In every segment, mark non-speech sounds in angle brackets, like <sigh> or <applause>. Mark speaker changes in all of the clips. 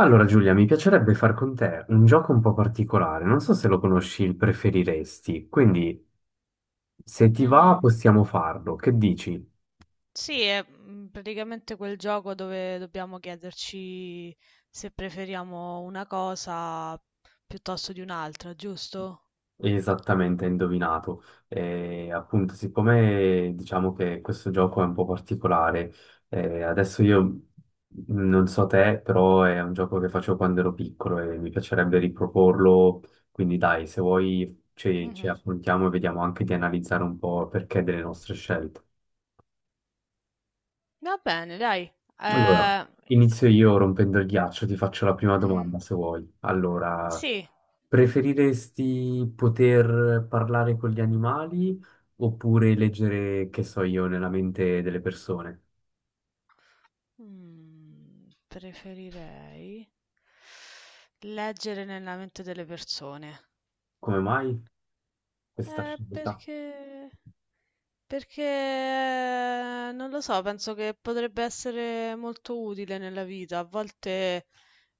Speaker 1: Allora Giulia, mi piacerebbe far con te un gioco un po' particolare, non so se lo conosci, il preferiresti, quindi se ti va
Speaker 2: Mhm.
Speaker 1: possiamo farlo, che dici?
Speaker 2: Sì, è praticamente quel gioco dove dobbiamo chiederci se preferiamo una cosa piuttosto di un'altra, giusto?
Speaker 1: Esattamente, hai indovinato. Appunto, siccome diciamo che questo gioco è un po' particolare, adesso io non so te, però è un gioco che facevo quando ero piccolo e mi piacerebbe riproporlo, quindi dai, se vuoi ci
Speaker 2: Mhm.
Speaker 1: affrontiamo e vediamo anche di analizzare un po' il perché delle nostre scelte.
Speaker 2: Va bene, dai.
Speaker 1: Allora,
Speaker 2: Eh,
Speaker 1: inizio io rompendo il ghiaccio, ti faccio la prima
Speaker 2: mhm.
Speaker 1: domanda se vuoi. Allora,
Speaker 2: Sì,
Speaker 1: preferiresti poter parlare con gli animali oppure leggere, che so io, nella mente delle persone?
Speaker 2: Preferirei leggere nella mente delle persone.
Speaker 1: Come mai questa scelta?
Speaker 2: Perché? Perché non lo so, penso che potrebbe essere molto utile nella vita. A volte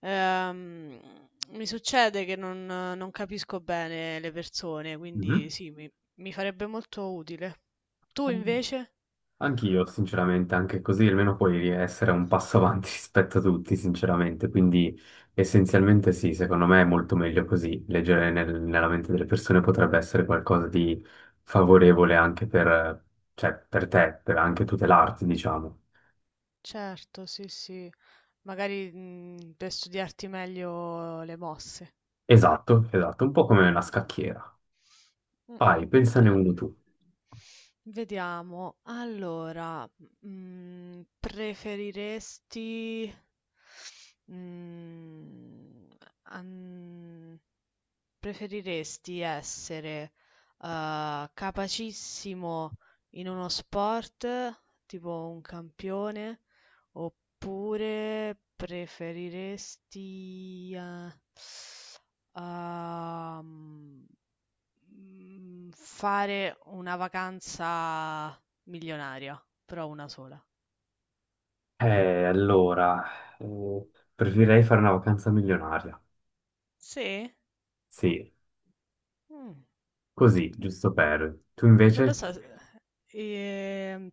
Speaker 2: ehm, mi succede che non capisco bene le persone,
Speaker 1: Mhm.
Speaker 2: quindi sì, mi farebbe molto utile. Tu invece?
Speaker 1: Anch'io, sinceramente, anche così almeno puoi essere un passo avanti <laughs> rispetto a tutti, sinceramente. Quindi, essenzialmente, sì, secondo me è molto meglio così. Leggere nella mente delle persone potrebbe essere qualcosa di favorevole anche per, cioè, per te, per anche
Speaker 2: Mhm.
Speaker 1: tutelarti, diciamo.
Speaker 2: Certo, sì, sì. Magari, per studiarti meglio le mosse.
Speaker 1: Esatto, esatto, un po' come una
Speaker 2: Mh-mh-mh.
Speaker 1: scacchiera. Vai,
Speaker 2: Mh-mh,
Speaker 1: pensane
Speaker 2: eh.
Speaker 1: uno tu.
Speaker 2: Vediamo. Allora, mhmm, preferiresti, mhmm, an preferiresti essere, capacissimo in uno sport, tipo un campione, oppure preferiresti, uhm, fare una vacanza milionaria, però una sola?
Speaker 1: Allora, eh, preferirei fare una vacanza milionaria.
Speaker 2: Sì?
Speaker 1: Sì,
Speaker 2: Mh.
Speaker 1: così, giusto per. Tu
Speaker 2: Non lo
Speaker 1: invece,
Speaker 2: so, ehm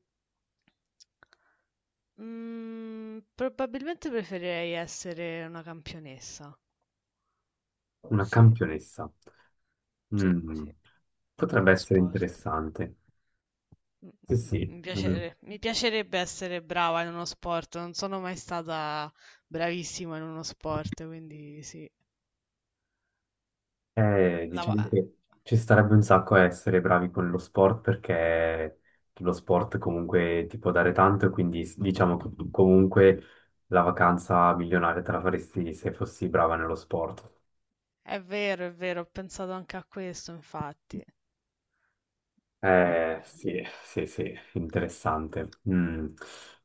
Speaker 2: Mhmm, probabilmente preferirei essere una campionessa.
Speaker 1: una
Speaker 2: Sì.
Speaker 1: campionessa.
Speaker 2: Sì,
Speaker 1: Mm,
Speaker 2: sì. Di
Speaker 1: potrebbe
Speaker 2: uno
Speaker 1: essere
Speaker 2: sport.
Speaker 1: interessante.
Speaker 2: Mh,
Speaker 1: Sì,
Speaker 2: mh, mh,
Speaker 1: sì.
Speaker 2: mi
Speaker 1: Mm.
Speaker 2: piacere mi piacerebbe essere brava in uno sport, non sono mai stata bravissima in uno sport, quindi sì. Mh, lava
Speaker 1: Diciamo che ci starebbe un sacco a essere bravi con lo sport perché lo sport comunque ti può dare tanto e quindi diciamo che tu comunque la vacanza milionaria te la faresti se fossi brava nello sport.
Speaker 2: È vero, è vero, ho pensato anche a questo infatti. Mh-mh.
Speaker 1: Sì, sì, sì, interessante. Mm.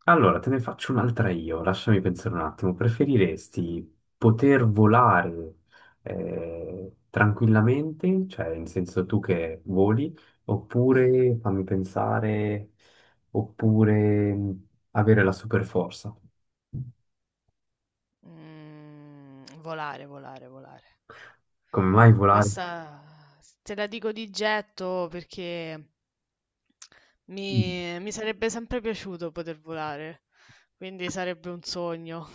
Speaker 1: Allora, te ne faccio un'altra io, lasciami pensare un attimo. Preferiresti poter volare tranquillamente, cioè in senso tu che voli, oppure, fammi pensare, oppure avere la superforza?
Speaker 2: Mhmm, Volare, volare, volare.
Speaker 1: Come mai volare?
Speaker 2: Questa s te la dico di getto perché
Speaker 1: Mm.
Speaker 2: mi sarebbe sempre piaciuto poter volare, quindi sarebbe un sogno.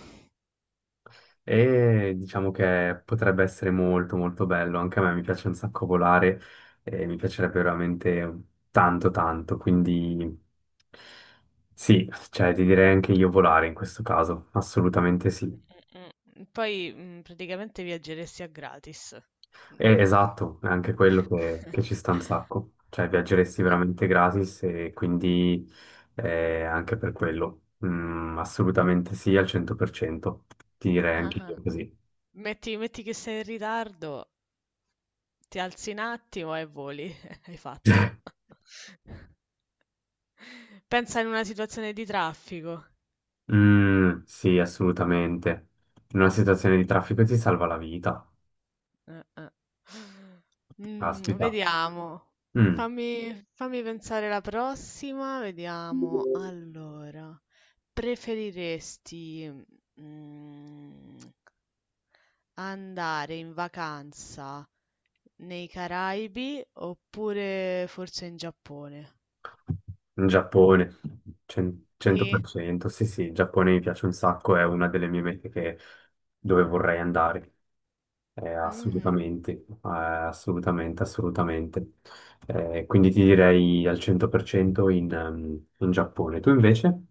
Speaker 1: E diciamo che potrebbe essere molto molto bello, anche a me mi piace un sacco volare e mi piacerebbe veramente tanto tanto, quindi sì, cioè ti direi anche io volare in questo caso, assolutamente sì.
Speaker 2: Mh-mh. Poi, praticamente viaggeresti a gratis. Mh-mh.
Speaker 1: Esatto, è anche quello che ci sta un sacco, cioè viaggeresti veramente gratis e quindi anche per quello, assolutamente sì al 100%, ti direi anche
Speaker 2: Ah-ah.
Speaker 1: io così.
Speaker 2: <laughs> Metti che sei in ritardo, ti alzi un attimo e voli, <laughs> hai fatto. <laughs> Pensa in una situazione di traffico.
Speaker 1: Mm, sì, assolutamente. In una situazione di traffico ti salva la vita.
Speaker 2: Eh, eh.
Speaker 1: Caspita.
Speaker 2: Vediamo.
Speaker 1: Mm,
Speaker 2: Fammi pensare la prossima. Vediamo. Allora, preferiresti mm, andare in vacanza nei Caraibi oppure forse in Giappone?
Speaker 1: in Giappone,
Speaker 2: Sì.
Speaker 1: 100%. Sì, sì, il Giappone mi piace un sacco, è una delle mie mete dove vorrei andare.
Speaker 2: Mhm.
Speaker 1: Assolutamente, assolutamente, assolutamente. Quindi ti direi al 100% in Giappone. Tu invece?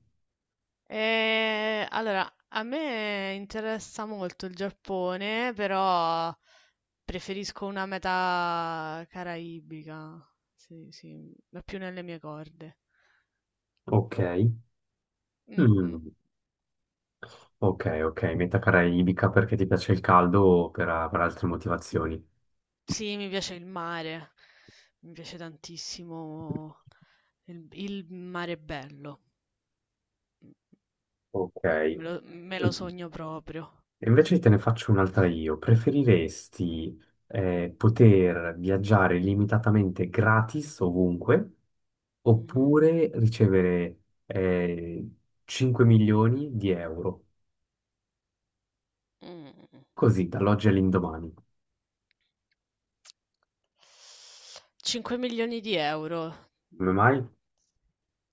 Speaker 2: Allora, a me interessa molto il Giappone, però preferisco una meta caraibica. Sì, sì, è più nelle mie corde.
Speaker 1: Ok.
Speaker 2: Mm, mm.
Speaker 1: Mm. Ok, ok, meta caraibica perché ti piace il caldo o per altre motivazioni?
Speaker 2: Sì, mi piace il mare, mi piace tantissimo il mare bello,
Speaker 1: Ok.
Speaker 2: me lo
Speaker 1: Mm.
Speaker 2: sogno proprio.
Speaker 1: E invece te ne faccio un'altra io. Preferiresti poter viaggiare limitatamente gratis ovunque
Speaker 2: Mhm.
Speaker 1: oppure ricevere eh, 5 milioni di euro?
Speaker 2: Mm. Mm, mm.
Speaker 1: Così, dall'oggi all'indomani.
Speaker 2: 5.000.000 €.
Speaker 1: Come
Speaker 2: Mh.
Speaker 1: mai?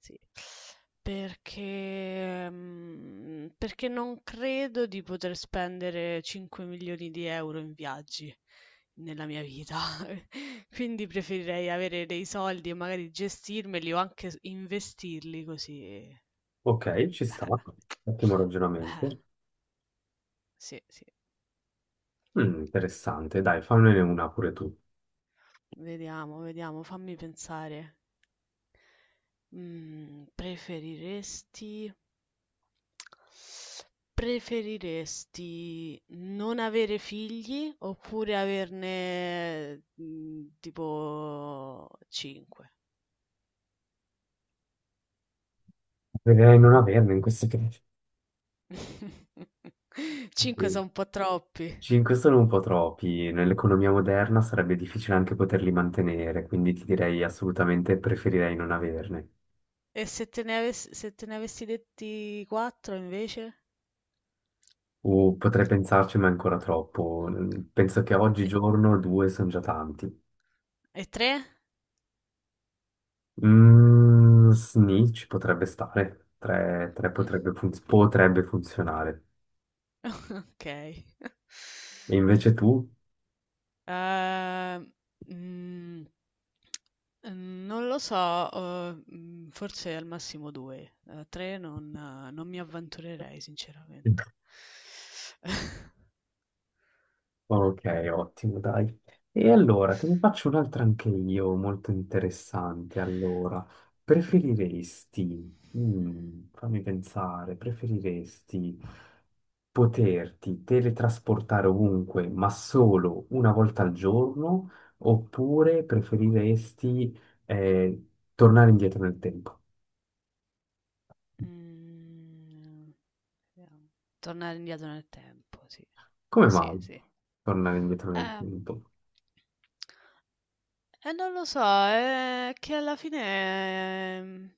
Speaker 2: Sì. Perché non credo di poter spendere 5.000.000 € in viaggi nella mia vita. <laughs> Quindi preferirei avere dei soldi e magari gestirmeli o anche s investirli così
Speaker 1: Ok, ci sta. Ottimo ragionamento.
Speaker 2: Eh, sì, sì.
Speaker 1: Mm, interessante. Dai, fammene una pure tu.
Speaker 2: Vediamo, vediamo, fammi pensare. Mhmm, preferiresti Preferiresti non avere figli oppure averne, tipo 5?
Speaker 1: Preferirei non averne in questo caso.
Speaker 2: 5 so' <laughs>
Speaker 1: Sì.
Speaker 2: un po' troppi.
Speaker 1: Cinque sono un po' troppi. Nell'economia moderna sarebbe difficile anche poterli mantenere, quindi ti direi assolutamente preferirei non averne.
Speaker 2: E se te ne avessi detti 4 invece?
Speaker 1: O potrei pensarci, ma è ancora troppo. Penso che
Speaker 2: E
Speaker 1: oggigiorno due sono già tanti.
Speaker 2: e 3?
Speaker 1: Mm, sni ci potrebbe stare. Tre, tre
Speaker 2: Mh,
Speaker 1: potrebbe, potrebbe funzionare.
Speaker 2: <laughs> okay.
Speaker 1: E invece tu?
Speaker 2: Ehm, mhmm, Non lo so, forse al massimo 2, 3 non mi avventurerei sinceramente.
Speaker 1: <laughs>
Speaker 2: <laughs>
Speaker 1: Ok, ottimo, dai. E allora, te ne faccio un'altra anche io, molto interessante. Allora, preferiresti, fammi pensare, preferiresti poterti teletrasportare ovunque, ma solo una volta al giorno, oppure preferiresti, eh, tornare indietro nel tempo?
Speaker 2: Mhmm, Vediamo. Tornare indietro nel tempo, sì.
Speaker 1: Come
Speaker 2: Sì,
Speaker 1: mai
Speaker 2: sì.
Speaker 1: tornare indietro nel
Speaker 2: Eh.
Speaker 1: tempo?
Speaker 2: Non lo so, è che alla fine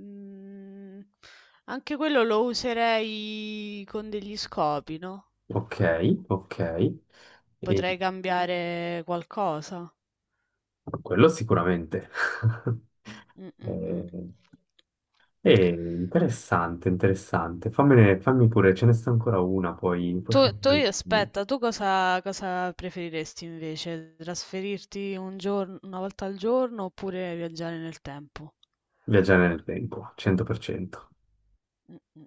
Speaker 2: mm, anche quello lo userei con degli scopi, no?
Speaker 1: Ok, ok. E,
Speaker 2: Potrei cambiare qualcosa.
Speaker 1: Quello sicuramente. <laughs>
Speaker 2: Mm, mm, mm.
Speaker 1: Eh, è interessante, interessante. Fammi pure, ce ne sta ancora una, poi,
Speaker 2: Tu
Speaker 1: fammi
Speaker 2: aspetta, tu cosa preferiresti invece? Trasferirti un giorno, una volta al giorno oppure viaggiare nel tempo?
Speaker 1: viaggiare nel tempo, 100%.
Speaker 2: Mm, mm,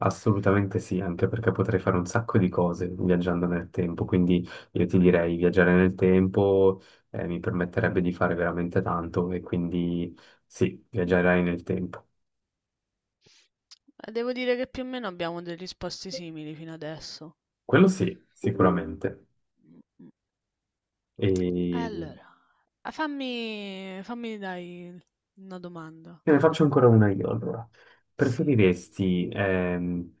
Speaker 1: Assolutamente sì, anche perché potrei fare un sacco di cose viaggiando nel tempo, quindi io ti direi viaggiare nel tempo mi permetterebbe di fare veramente tanto e quindi sì,
Speaker 2: mm,
Speaker 1: viaggerai
Speaker 2: mm.
Speaker 1: nel tempo.
Speaker 2: Devo dire che più o meno abbiamo delle risposte simili fino adesso.
Speaker 1: Quello sì, sicuramente. E
Speaker 2: Allora, ah, fammi dai una domanda.
Speaker 1: Te ne faccio ancora una io, allora.
Speaker 2: Sì.
Speaker 1: Preferiresti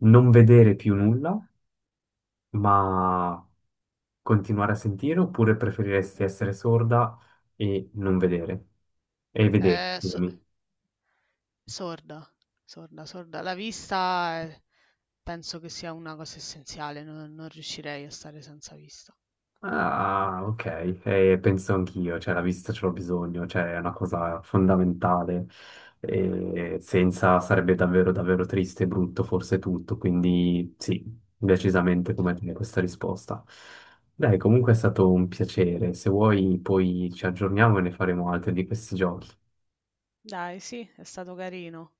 Speaker 1: non vedere più nulla, ma continuare a sentire, oppure preferiresti essere sorda e non vedere? E vedere,
Speaker 2: Eh, so-
Speaker 1: scusami.
Speaker 2: sorda, sorda, sorda. La vista penso che sia una cosa essenziale, non riuscirei a stare senza vista.
Speaker 1: Ah, ok. Penso anch'io, cioè la vista ce l'ho bisogno, cioè è una cosa fondamentale.
Speaker 2: Mm, mm,
Speaker 1: Senza sarebbe davvero davvero triste e brutto forse tutto, quindi sì, decisamente come
Speaker 2: già.
Speaker 1: te questa risposta. Dai, comunque è stato un piacere, se vuoi poi ci aggiorniamo e ne faremo altri di questi giochi.
Speaker 2: Dai, sì, è stato carino.